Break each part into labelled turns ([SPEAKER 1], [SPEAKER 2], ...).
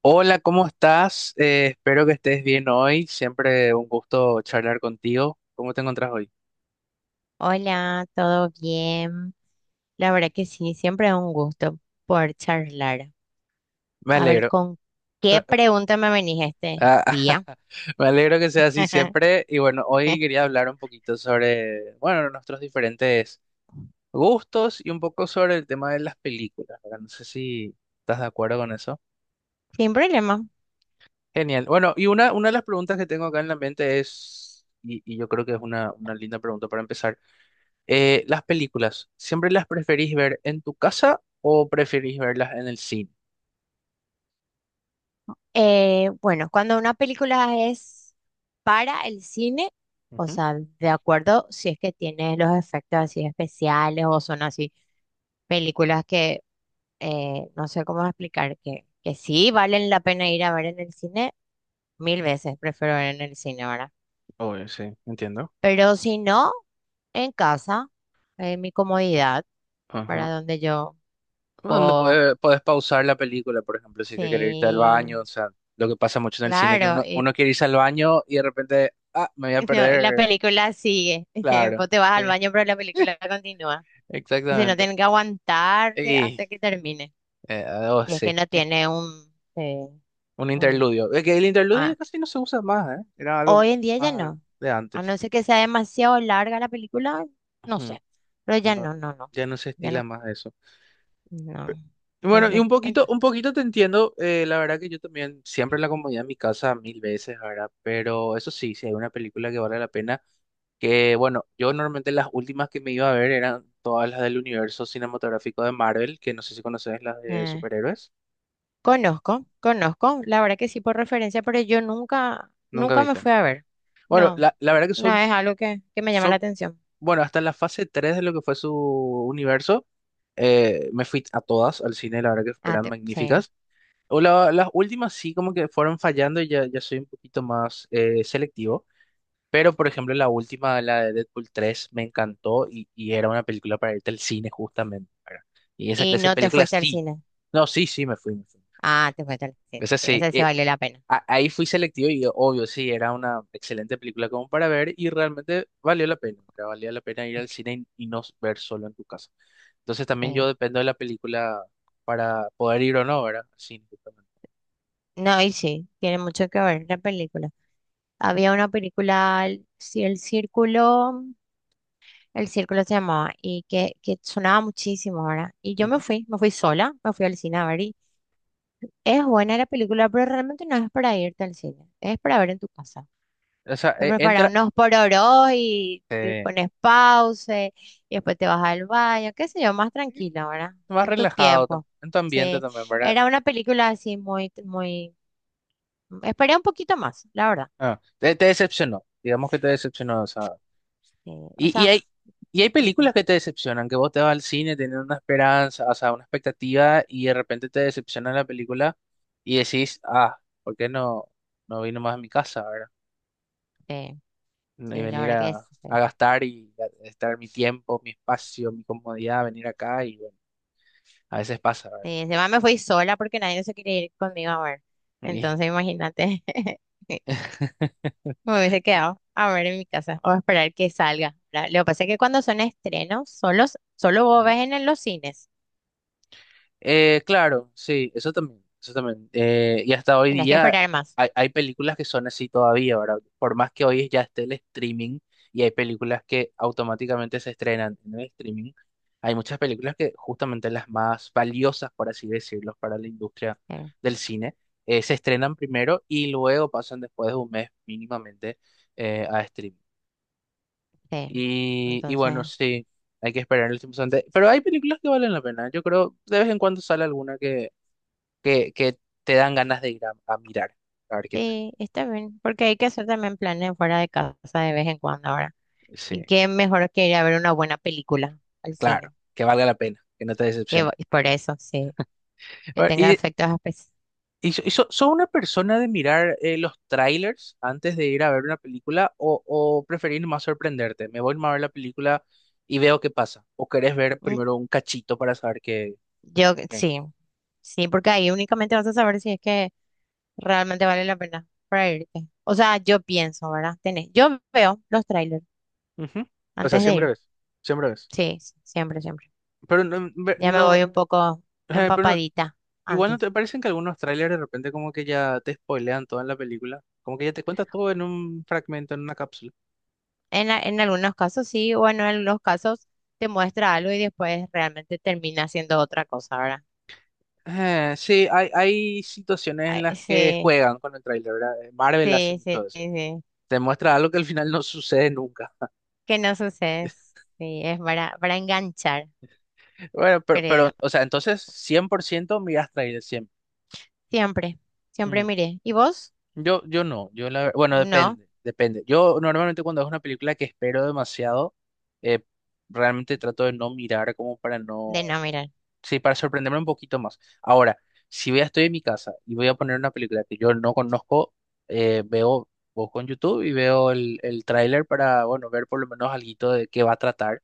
[SPEAKER 1] Hola, ¿cómo estás? Espero que estés bien hoy. Siempre un gusto charlar contigo. ¿Cómo te encuentras hoy?
[SPEAKER 2] Hola, ¿todo bien? La verdad que sí, siempre es un gusto poder charlar.
[SPEAKER 1] Me
[SPEAKER 2] A ver,
[SPEAKER 1] alegro.
[SPEAKER 2] ¿con qué
[SPEAKER 1] Eh, eh,
[SPEAKER 2] pregunta me venís este
[SPEAKER 1] Ah,
[SPEAKER 2] día?
[SPEAKER 1] me alegro que sea así siempre. Y bueno, hoy quería hablar un poquito sobre, bueno, nuestros diferentes gustos y un poco sobre el tema de las películas, ¿verdad? No sé si estás de acuerdo con eso.
[SPEAKER 2] Sin problema.
[SPEAKER 1] Genial. Bueno, y una de las preguntas que tengo acá en la mente es, y yo creo que es una linda pregunta para empezar. Las películas, ¿siempre las preferís ver en tu casa o preferís verlas en el cine?
[SPEAKER 2] Bueno, cuando una película es para el cine, o
[SPEAKER 1] Ujú.
[SPEAKER 2] sea, de acuerdo, si es que tiene los efectos así especiales o son así películas que no sé cómo explicar, que sí valen la pena ir a ver en el cine, mil veces prefiero ver en el cine, ¿verdad?
[SPEAKER 1] Obvio, sí, entiendo.
[SPEAKER 2] Pero si no, en casa, en mi comodidad,
[SPEAKER 1] Ajá.
[SPEAKER 2] para donde yo
[SPEAKER 1] Donde
[SPEAKER 2] puedo.
[SPEAKER 1] puedes pausar la película, por ejemplo, si es que quieres irte al
[SPEAKER 2] Sí,
[SPEAKER 1] baño. O sea, lo que pasa mucho en el cine que
[SPEAKER 2] claro.
[SPEAKER 1] uno, uno quiere irse al baño y de repente, ah, me voy a
[SPEAKER 2] No, la
[SPEAKER 1] perder.
[SPEAKER 2] película sigue.
[SPEAKER 1] Claro,
[SPEAKER 2] Vos te vas al
[SPEAKER 1] sí,
[SPEAKER 2] baño, pero la película continúa. O sea, no
[SPEAKER 1] exactamente.
[SPEAKER 2] tienen que aguantarte
[SPEAKER 1] Y,
[SPEAKER 2] hasta que termine.
[SPEAKER 1] oh,
[SPEAKER 2] Y es que
[SPEAKER 1] sí,
[SPEAKER 2] no tiene un, eh,
[SPEAKER 1] un
[SPEAKER 2] un-
[SPEAKER 1] interludio. Es que el interludio ya
[SPEAKER 2] ah,
[SPEAKER 1] casi no se usa más, ¿eh? Era algo
[SPEAKER 2] hoy en día ya
[SPEAKER 1] más
[SPEAKER 2] no.
[SPEAKER 1] de
[SPEAKER 2] A
[SPEAKER 1] antes.
[SPEAKER 2] no ser que sea demasiado larga la película, no
[SPEAKER 1] Ujú.
[SPEAKER 2] sé. Pero ya
[SPEAKER 1] No,
[SPEAKER 2] no.
[SPEAKER 1] ya no se
[SPEAKER 2] Ya
[SPEAKER 1] estila
[SPEAKER 2] no,
[SPEAKER 1] más eso.
[SPEAKER 2] no.
[SPEAKER 1] Bueno, y
[SPEAKER 2] Entonces,
[SPEAKER 1] un poquito te entiendo. La verdad que yo también siempre la comodidad a mi casa mil veces, ¿verdad? Pero eso sí, si hay una película que vale la pena, que bueno, yo normalmente las últimas que me iba a ver eran todas las del universo cinematográfico de Marvel, que no sé si conoces las de superhéroes,
[SPEAKER 2] conozco, conozco, la verdad que sí por referencia, pero yo nunca,
[SPEAKER 1] nunca
[SPEAKER 2] nunca me
[SPEAKER 1] viste.
[SPEAKER 2] fui a ver.
[SPEAKER 1] Bueno,
[SPEAKER 2] No,
[SPEAKER 1] la verdad que
[SPEAKER 2] no es algo que me llama la
[SPEAKER 1] son,
[SPEAKER 2] atención.
[SPEAKER 1] bueno, hasta la fase 3 de lo que fue su universo. Me fui a todas al cine, la verdad que
[SPEAKER 2] Ah,
[SPEAKER 1] eran
[SPEAKER 2] te- sí.
[SPEAKER 1] magníficas. O las últimas sí como que fueron fallando y ya soy un poquito más selectivo. Pero, por ejemplo, la última, la de Deadpool 3 me encantó, y era una película para irte al cine justamente, ¿verdad? Y esa
[SPEAKER 2] ¿Y
[SPEAKER 1] clase de
[SPEAKER 2] no te
[SPEAKER 1] películas
[SPEAKER 2] fuiste al
[SPEAKER 1] sí.
[SPEAKER 2] cine?
[SPEAKER 1] No, sí, sí, me fui, me fui.
[SPEAKER 2] Ah, te fuiste al cine.
[SPEAKER 1] Esa
[SPEAKER 2] Sí,
[SPEAKER 1] sí.
[SPEAKER 2] esa sí valió la pena.
[SPEAKER 1] Ahí fui selectivo y obvio, sí, era una excelente película como para ver y realmente valió la pena, ¿verdad? Valía la pena ir al cine y no ver solo en tu casa. Entonces también yo
[SPEAKER 2] Sí.
[SPEAKER 1] dependo de la película para poder ir o no, ¿verdad? Al cine, justamente.
[SPEAKER 2] No, y sí, tiene mucho que ver la película. Había una película, sí, El Círculo, El Círculo se llamaba, y que sonaba muchísimo ahora. Y yo me fui sola, me fui al cine a ver. Y es buena la película, pero realmente no es para irte al cine, es para ver en tu casa.
[SPEAKER 1] O sea,
[SPEAKER 2] Te preparas
[SPEAKER 1] entra
[SPEAKER 2] unos pororos y te
[SPEAKER 1] eh,
[SPEAKER 2] pones pause y después te vas al baño, qué sé yo, más tranquila, ¿verdad?
[SPEAKER 1] más
[SPEAKER 2] En tu
[SPEAKER 1] relajado
[SPEAKER 2] tiempo.
[SPEAKER 1] en tu ambiente
[SPEAKER 2] Sí,
[SPEAKER 1] también, ¿verdad?
[SPEAKER 2] era una película así muy, muy, esperé un poquito más, la verdad.
[SPEAKER 1] Ah, te decepcionó, digamos que te decepcionó, o sea.
[SPEAKER 2] Sí, o
[SPEAKER 1] Y, y
[SPEAKER 2] sea,
[SPEAKER 1] hay, y hay
[SPEAKER 2] mm,
[SPEAKER 1] películas que te decepcionan, que vos te vas al cine teniendo una esperanza, o sea, una expectativa, y de repente te decepciona la película y decís, ah, ¿por qué no vino más a mi casa?, ¿verdad?
[SPEAKER 2] sí,
[SPEAKER 1] Y
[SPEAKER 2] sí, la
[SPEAKER 1] venir
[SPEAKER 2] verdad que
[SPEAKER 1] a,
[SPEAKER 2] es. Sí,
[SPEAKER 1] a gastar y a estar mi tiempo, mi espacio, mi comodidad, venir acá y bueno, a veces pasa,
[SPEAKER 2] sí,
[SPEAKER 1] ¿verdad?
[SPEAKER 2] encima me fui sola porque nadie se quería ir conmigo a ver.
[SPEAKER 1] Y-
[SPEAKER 2] Entonces, imagínate, me hubiese quedado a ver en mi casa o a esperar que salga, ¿verdad? Lo que pasa es que cuando son estrenos, solo vos ves en los cines.
[SPEAKER 1] Claro, sí, eso también, eso también. Y hasta hoy
[SPEAKER 2] Tienes que
[SPEAKER 1] día
[SPEAKER 2] esperar más.
[SPEAKER 1] hay películas que son así todavía, ¿verdad? Por más que hoy ya esté el streaming y hay películas que automáticamente se estrenan en el streaming, hay muchas películas que justamente las más valiosas, por así decirlo, para la industria
[SPEAKER 2] eh,
[SPEAKER 1] del cine, se estrenan primero y luego pasan después de un mes mínimamente a streaming.
[SPEAKER 2] sí.
[SPEAKER 1] Y bueno,
[SPEAKER 2] Entonces,
[SPEAKER 1] sí, hay que esperar el tiempo suficiente. Pero hay películas que valen la pena. Yo creo, de vez en cuando sale alguna que te dan ganas de ir a mirar, a ver qué tal.
[SPEAKER 2] sí, está bien, porque hay que hacer también planes fuera de casa de vez en cuando ahora.
[SPEAKER 1] Sí.
[SPEAKER 2] Y qué mejor que ir a ver una buena película al
[SPEAKER 1] Claro,
[SPEAKER 2] cine.
[SPEAKER 1] que valga la pena, que no te decepcione.
[SPEAKER 2] Y por eso, sí, que
[SPEAKER 1] A
[SPEAKER 2] tenga efectos especiales.
[SPEAKER 1] y so- ¿Sos una persona de mirar los trailers antes de ir a ver una película o preferís más sorprenderte? Me voy nomás a ver la película y veo qué pasa. ¿O querés ver primero un cachito para saber qué?
[SPEAKER 2] Yo,
[SPEAKER 1] qué hay?
[SPEAKER 2] sí, sí, porque ahí únicamente vas a saber si es que realmente vale la pena para irte. O sea, yo pienso, ¿verdad? Tenés, yo veo los trailers
[SPEAKER 1] Ujú. O sea,
[SPEAKER 2] antes de
[SPEAKER 1] siempre
[SPEAKER 2] ir.
[SPEAKER 1] ves, siempre ves.
[SPEAKER 2] Sí, sí, siempre, siempre.
[SPEAKER 1] Pero no,
[SPEAKER 2] Ya me voy
[SPEAKER 1] no,
[SPEAKER 2] un poco
[SPEAKER 1] pero no,
[SPEAKER 2] empapadita
[SPEAKER 1] igual no
[SPEAKER 2] antes.
[SPEAKER 1] te parecen que algunos trailers de repente como que ya te spoilean toda la película, como que ya te cuentas todo en un fragmento, en una cápsula.
[SPEAKER 2] En algunos casos sí, o en algunos casos te muestra algo y después realmente termina siendo otra cosa, ¿verdad?
[SPEAKER 1] Sí, hay situaciones en las
[SPEAKER 2] Ay,
[SPEAKER 1] que
[SPEAKER 2] sí,
[SPEAKER 1] juegan con el trailer, ¿verdad? Marvel hace
[SPEAKER 2] sí,
[SPEAKER 1] mucho
[SPEAKER 2] sí,
[SPEAKER 1] de eso.
[SPEAKER 2] sí, sí.
[SPEAKER 1] Te muestra algo que al final no sucede nunca.
[SPEAKER 2] Que no sucede. Sí, es para enganchar,
[SPEAKER 1] Bueno, pero,
[SPEAKER 2] creo.
[SPEAKER 1] pero o sea, entonces 100% miras trailer siempre.
[SPEAKER 2] Siempre, siempre
[SPEAKER 1] Mm.
[SPEAKER 2] miré. ¿Y vos?
[SPEAKER 1] Yo no, bueno,
[SPEAKER 2] No,
[SPEAKER 1] depende, depende. Yo normalmente cuando es una película que espero demasiado, eh, realmente trato de no mirar como para
[SPEAKER 2] de
[SPEAKER 1] no.
[SPEAKER 2] no mirar.
[SPEAKER 1] Sí, para sorprenderme un poquito más. Ahora, si voy a estoy en mi casa y voy a poner una película que yo no conozco, eh, veo, busco en YouTube y veo el tráiler para, bueno, ver por lo menos alguito de qué va a tratar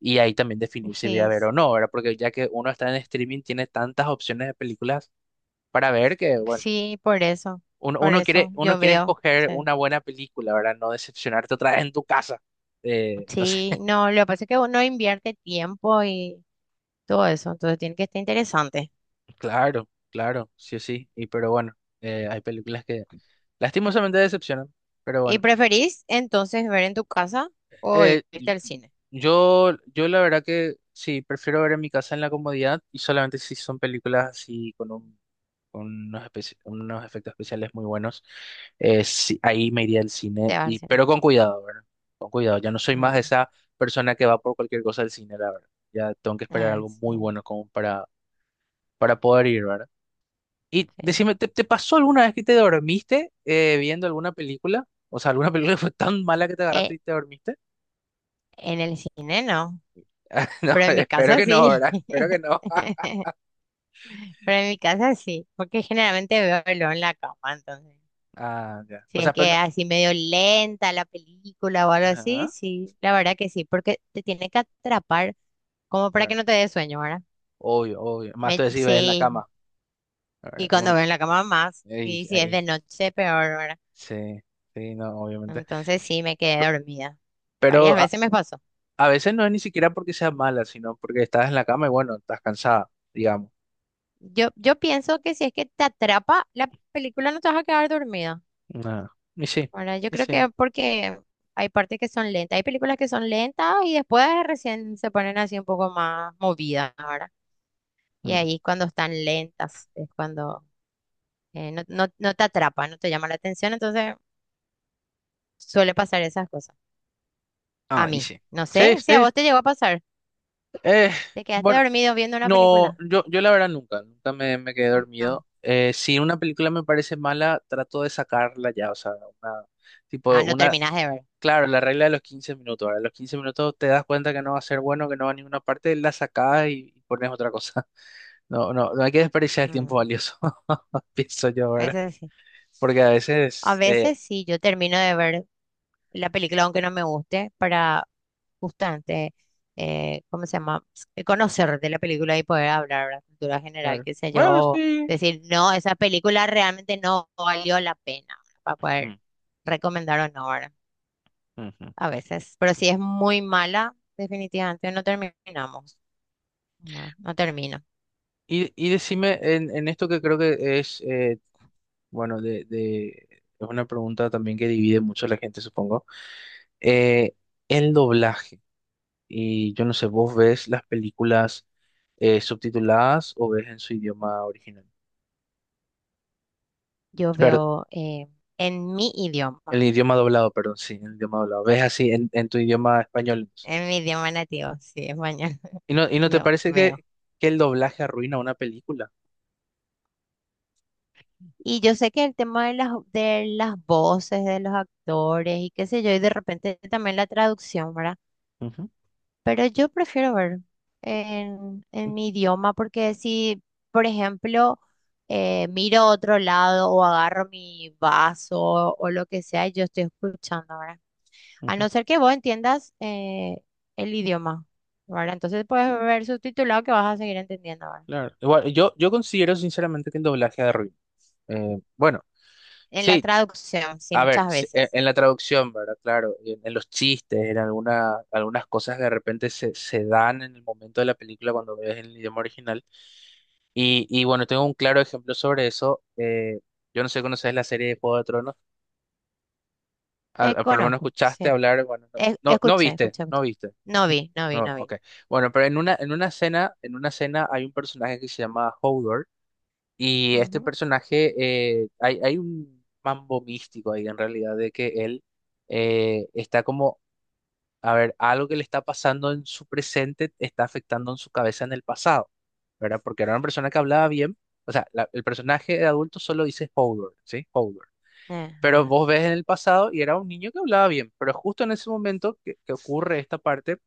[SPEAKER 1] y ahí también definir si voy
[SPEAKER 2] Sí,
[SPEAKER 1] a ver
[SPEAKER 2] s-
[SPEAKER 1] o no, ¿verdad? Porque ya que uno está en streaming, tiene tantas opciones de películas para ver que, bueno,
[SPEAKER 2] sí,
[SPEAKER 1] uno,
[SPEAKER 2] por
[SPEAKER 1] uno quiere,
[SPEAKER 2] eso
[SPEAKER 1] uno
[SPEAKER 2] yo
[SPEAKER 1] quiere
[SPEAKER 2] veo.
[SPEAKER 1] escoger
[SPEAKER 2] Sí,
[SPEAKER 1] una buena película, ¿verdad? No decepcionarte otra vez en tu casa. No sé,
[SPEAKER 2] sí, no, lo que pasa es que uno invierte tiempo y todo eso, entonces tiene que estar interesante.
[SPEAKER 1] claro, claro, sí o sí. Y pero bueno, hay películas que lastimosamente decepcionan, pero
[SPEAKER 2] ¿Y
[SPEAKER 1] bueno.
[SPEAKER 2] preferís entonces ver en tu casa o
[SPEAKER 1] Eh,
[SPEAKER 2] irte al cine?
[SPEAKER 1] yo la verdad que sí, prefiero ver en mi casa en la comodidad y solamente si son películas así con con unos efectos especiales muy buenos. Sí, ahí me iría al
[SPEAKER 2] Te
[SPEAKER 1] cine,
[SPEAKER 2] vas al cine.
[SPEAKER 1] pero con cuidado, ¿verdad? Con cuidado, ya no soy más
[SPEAKER 2] Ujú.
[SPEAKER 1] esa persona que va por cualquier cosa al cine, la verdad. Ya tengo que esperar
[SPEAKER 2] Ah,
[SPEAKER 1] algo muy
[SPEAKER 2] sí,
[SPEAKER 1] bueno como para poder ir, ¿verdad? Y
[SPEAKER 2] sí.
[SPEAKER 1] decime, ¿te pasó alguna vez que te dormiste viendo alguna película? O sea, ¿alguna película que fue tan mala que te
[SPEAKER 2] Eh,
[SPEAKER 1] agarraste y te dormiste?
[SPEAKER 2] en el cine no,
[SPEAKER 1] No,
[SPEAKER 2] pero en mi
[SPEAKER 1] espero
[SPEAKER 2] casa
[SPEAKER 1] que no,
[SPEAKER 2] sí.
[SPEAKER 1] ¿verdad? Espero que no.
[SPEAKER 2] Pero en mi casa sí, porque generalmente veo verlo en la cama, entonces.
[SPEAKER 1] Ah, ya.
[SPEAKER 2] Si
[SPEAKER 1] O
[SPEAKER 2] es
[SPEAKER 1] sea, pero
[SPEAKER 2] que
[SPEAKER 1] no.
[SPEAKER 2] así medio lenta la película o algo así,
[SPEAKER 1] Ajá,
[SPEAKER 2] sí, la verdad que sí, porque te tiene que atrapar como para que
[SPEAKER 1] claro.
[SPEAKER 2] no te dé sueño, ¿verdad?
[SPEAKER 1] Obvio, obvio. Más te si ves en la
[SPEAKER 2] Sí,
[SPEAKER 1] cama. Ahora,
[SPEAKER 2] y cuando veo en la cama más,
[SPEAKER 1] ey,
[SPEAKER 2] y si es de
[SPEAKER 1] ahí.
[SPEAKER 2] noche, peor, ¿verdad?
[SPEAKER 1] Sí, sí, no, obviamente.
[SPEAKER 2] Entonces sí, me quedé dormida. Varias
[SPEAKER 1] Pero a,
[SPEAKER 2] veces me pasó.
[SPEAKER 1] a veces no es ni siquiera porque sea mala, sino porque estás en la cama y bueno, estás cansada, digamos.
[SPEAKER 2] Yo pienso que si es que te atrapa la película no te vas a quedar dormida.
[SPEAKER 1] Ah, y sí,
[SPEAKER 2] Ahora, yo
[SPEAKER 1] y
[SPEAKER 2] creo
[SPEAKER 1] sí.
[SPEAKER 2] que porque hay partes que son lentas. Hay películas que son lentas y después recién se ponen así un poco más movidas. Ahora, y
[SPEAKER 1] Mm.
[SPEAKER 2] ahí cuando están lentas es cuando no te atrapa, no te llama la atención. Entonces suele pasar esas cosas. A
[SPEAKER 1] Ah, y
[SPEAKER 2] mí.
[SPEAKER 1] sí.
[SPEAKER 2] No sé
[SPEAKER 1] Sí,
[SPEAKER 2] si a
[SPEAKER 1] sí.
[SPEAKER 2] vos te llegó a pasar.
[SPEAKER 1] Eh,
[SPEAKER 2] ¿Te quedaste
[SPEAKER 1] bueno.
[SPEAKER 2] dormido viendo una
[SPEAKER 1] No,
[SPEAKER 2] película?
[SPEAKER 1] yo la verdad nunca, nunca me quedé
[SPEAKER 2] No.
[SPEAKER 1] dormido. Si una película me parece mala, trato de sacarla ya, o sea, una, tipo,
[SPEAKER 2] Ah, no
[SPEAKER 1] una,
[SPEAKER 2] terminás de ver.
[SPEAKER 1] claro, la regla de los 15 minutos. Ahora los 15 minutos te das cuenta que no va a ser bueno, que no va a ninguna parte, la sacás y pones otra cosa. No, no, no hay que desperdiciar el tiempo
[SPEAKER 2] Mm,
[SPEAKER 1] valioso, pienso yo, ¿verdad?
[SPEAKER 2] Eso sí.
[SPEAKER 1] Porque a
[SPEAKER 2] A
[SPEAKER 1] veces,
[SPEAKER 2] veces sí, yo termino de ver la película, aunque no me guste, para justamente, ¿cómo se llama? Conocer de la película y poder hablar de la cultura general,
[SPEAKER 1] claro,
[SPEAKER 2] qué sé yo,
[SPEAKER 1] bueno,
[SPEAKER 2] o
[SPEAKER 1] sí.
[SPEAKER 2] decir, no, esa película realmente no valió la pena, ¿verdad? Para poder
[SPEAKER 1] Mm,
[SPEAKER 2] recomendar o no, ¿verdad?
[SPEAKER 1] ujú.
[SPEAKER 2] A veces, pero si es muy mala, definitivamente no terminamos, ¿verdad? No termino.
[SPEAKER 1] Y decime, en, esto que creo que es bueno, es una pregunta también que divide mucho a la gente, supongo. Eh, el doblaje, y yo no sé, ¿vos ves las películas subtituladas o ves en su idioma original?
[SPEAKER 2] Yo
[SPEAKER 1] Perdón,
[SPEAKER 2] veo en mi
[SPEAKER 1] el
[SPEAKER 2] idioma,
[SPEAKER 1] idioma doblado, perdón, sí, el idioma doblado. ¿Ves así en, tu idioma español, entonces?
[SPEAKER 2] en mi idioma nativo, sí, español,
[SPEAKER 1] ¿Y no te
[SPEAKER 2] yo
[SPEAKER 1] parece
[SPEAKER 2] veo.
[SPEAKER 1] que el doblaje arruina una película?
[SPEAKER 2] Y yo sé que el tema de las voces de los actores y qué sé yo, y de repente también la traducción, ¿verdad?
[SPEAKER 1] Ujú,
[SPEAKER 2] Pero yo prefiero ver en mi idioma porque si, por ejemplo, miro a otro lado o agarro mi vaso o lo que sea, y yo estoy escuchando, ¿verdad? A
[SPEAKER 1] ujú,
[SPEAKER 2] no ser que vos entiendas el idioma, ¿verdad? Entonces puedes ver subtitulado que vas a seguir entendiendo, ¿verdad?
[SPEAKER 1] claro. Igual, yo considero sinceramente que el doblaje arruina. Bueno.
[SPEAKER 2] En la
[SPEAKER 1] Sí,
[SPEAKER 2] traducción, sí,
[SPEAKER 1] a ver,
[SPEAKER 2] muchas veces.
[SPEAKER 1] en la traducción, ¿verdad? Claro, en, los chistes, en algunas cosas que de repente se dan en el momento de la película cuando ves el idioma original. Y bueno, tengo un claro ejemplo sobre eso. Yo no sé, ¿conoces la serie de Juego de Tronos? Por lo menos
[SPEAKER 2] Conozco, sí.
[SPEAKER 1] escuchaste hablar, bueno, no, no, no
[SPEAKER 2] Escucha,
[SPEAKER 1] viste,
[SPEAKER 2] escucha,
[SPEAKER 1] no
[SPEAKER 2] escucha.
[SPEAKER 1] viste.
[SPEAKER 2] No vi, no vi,
[SPEAKER 1] No,
[SPEAKER 2] no vi.
[SPEAKER 1] ok. Bueno, pero en una escena hay un personaje que se llama Hodor y este
[SPEAKER 2] Ujú.
[SPEAKER 1] personaje, hay un mambo místico ahí en realidad de que él está como. A ver, algo que le está pasando en su presente está afectando en su cabeza en el pasado, ¿verdad? Porque era una persona que hablaba bien, o sea, el personaje de adulto solo dice Hodor, ¿sí? Hodor. Pero
[SPEAKER 2] Ajá,
[SPEAKER 1] vos ves en el pasado y era un niño que hablaba bien, pero justo en ese momento que ocurre esta parte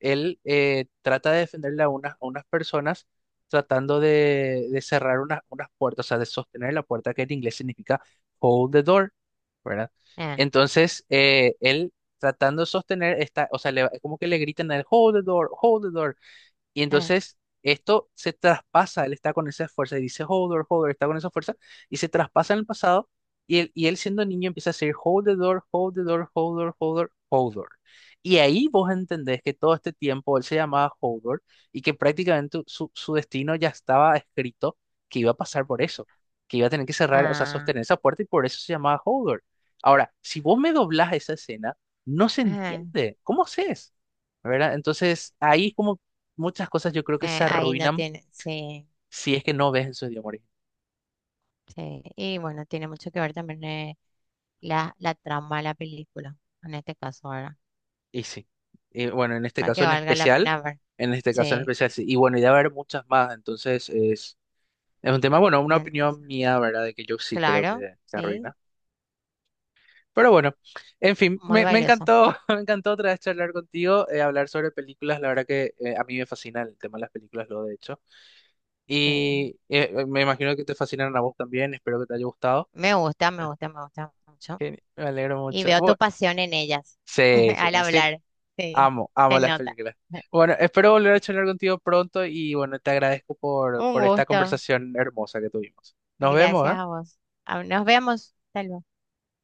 [SPEAKER 1] él trata de defenderle a unas personas, tratando de cerrar unas puertas, o sea, de sostener la puerta, que en inglés significa "hold the door", ¿verdad?
[SPEAKER 2] eh,
[SPEAKER 1] Entonces, él tratando de sostener esta, o sea, como que le gritan a él, "hold the door, hold the door". Y
[SPEAKER 2] eh,
[SPEAKER 1] entonces esto se traspasa, él está con esa fuerza y dice "Hold the door, hold the door", está con esa fuerza y se traspasa en el pasado, y él siendo niño empieza a decir "Hold the door, hold the door, hold the door, hold the door, hold the door". Y ahí vos entendés que todo este tiempo él se llamaba "hold the door" y que prácticamente su destino ya estaba escrito, que iba a pasar por eso, que iba a tener que cerrar, o sea,
[SPEAKER 2] ah,
[SPEAKER 1] sostener esa puerta, y por eso se llamaba "hold the door". Ahora, si vos me doblás esa escena, no se
[SPEAKER 2] ajá.
[SPEAKER 1] entiende. ¿Cómo haces, ¿verdad? Entonces, ahí es como muchas cosas yo creo que se
[SPEAKER 2] Ahí no
[SPEAKER 1] arruinan
[SPEAKER 2] tiene, sí,
[SPEAKER 1] si es que no ves esos idioma original.
[SPEAKER 2] sí. Y bueno, tiene mucho que ver también la, la trama de la película, en este caso ahora,
[SPEAKER 1] Y sí. Y bueno, en este
[SPEAKER 2] para
[SPEAKER 1] caso
[SPEAKER 2] que
[SPEAKER 1] en
[SPEAKER 2] valga la
[SPEAKER 1] especial,
[SPEAKER 2] pena ver.
[SPEAKER 1] en este caso en
[SPEAKER 2] Sí,
[SPEAKER 1] especial sí. Y bueno, y debe haber muchas más. Entonces es un tema, bueno, una
[SPEAKER 2] en-
[SPEAKER 1] opinión mía, ¿verdad? De que yo sí creo que
[SPEAKER 2] claro,
[SPEAKER 1] se
[SPEAKER 2] sí,
[SPEAKER 1] arruina. Pero bueno, en fin,
[SPEAKER 2] muy
[SPEAKER 1] me
[SPEAKER 2] valioso.
[SPEAKER 1] encantó, me encantó otra vez charlar contigo, hablar sobre películas. La verdad que a mí me fascina el tema de las películas, lo de hecho.
[SPEAKER 2] Sí.
[SPEAKER 1] Y me imagino que te fascinaron a vos también. Espero que te haya gustado.
[SPEAKER 2] Me gusta, me gusta, me gusta mucho.
[SPEAKER 1] Me alegro
[SPEAKER 2] Y
[SPEAKER 1] mucho.
[SPEAKER 2] veo tu pasión en ellas
[SPEAKER 1] Sí, sí,
[SPEAKER 2] al
[SPEAKER 1] sin.
[SPEAKER 2] hablar. Sí,
[SPEAKER 1] Amo,
[SPEAKER 2] se
[SPEAKER 1] amo las
[SPEAKER 2] nota.
[SPEAKER 1] películas. Bueno, espero volver a
[SPEAKER 2] Sí.
[SPEAKER 1] charlar contigo pronto y bueno, te agradezco por,
[SPEAKER 2] Un
[SPEAKER 1] por esta
[SPEAKER 2] gusto.
[SPEAKER 1] conversación hermosa que tuvimos. Nos vemos,
[SPEAKER 2] Gracias
[SPEAKER 1] ¿eh?
[SPEAKER 2] a vos. Ah, nos vemos. Hasta luego.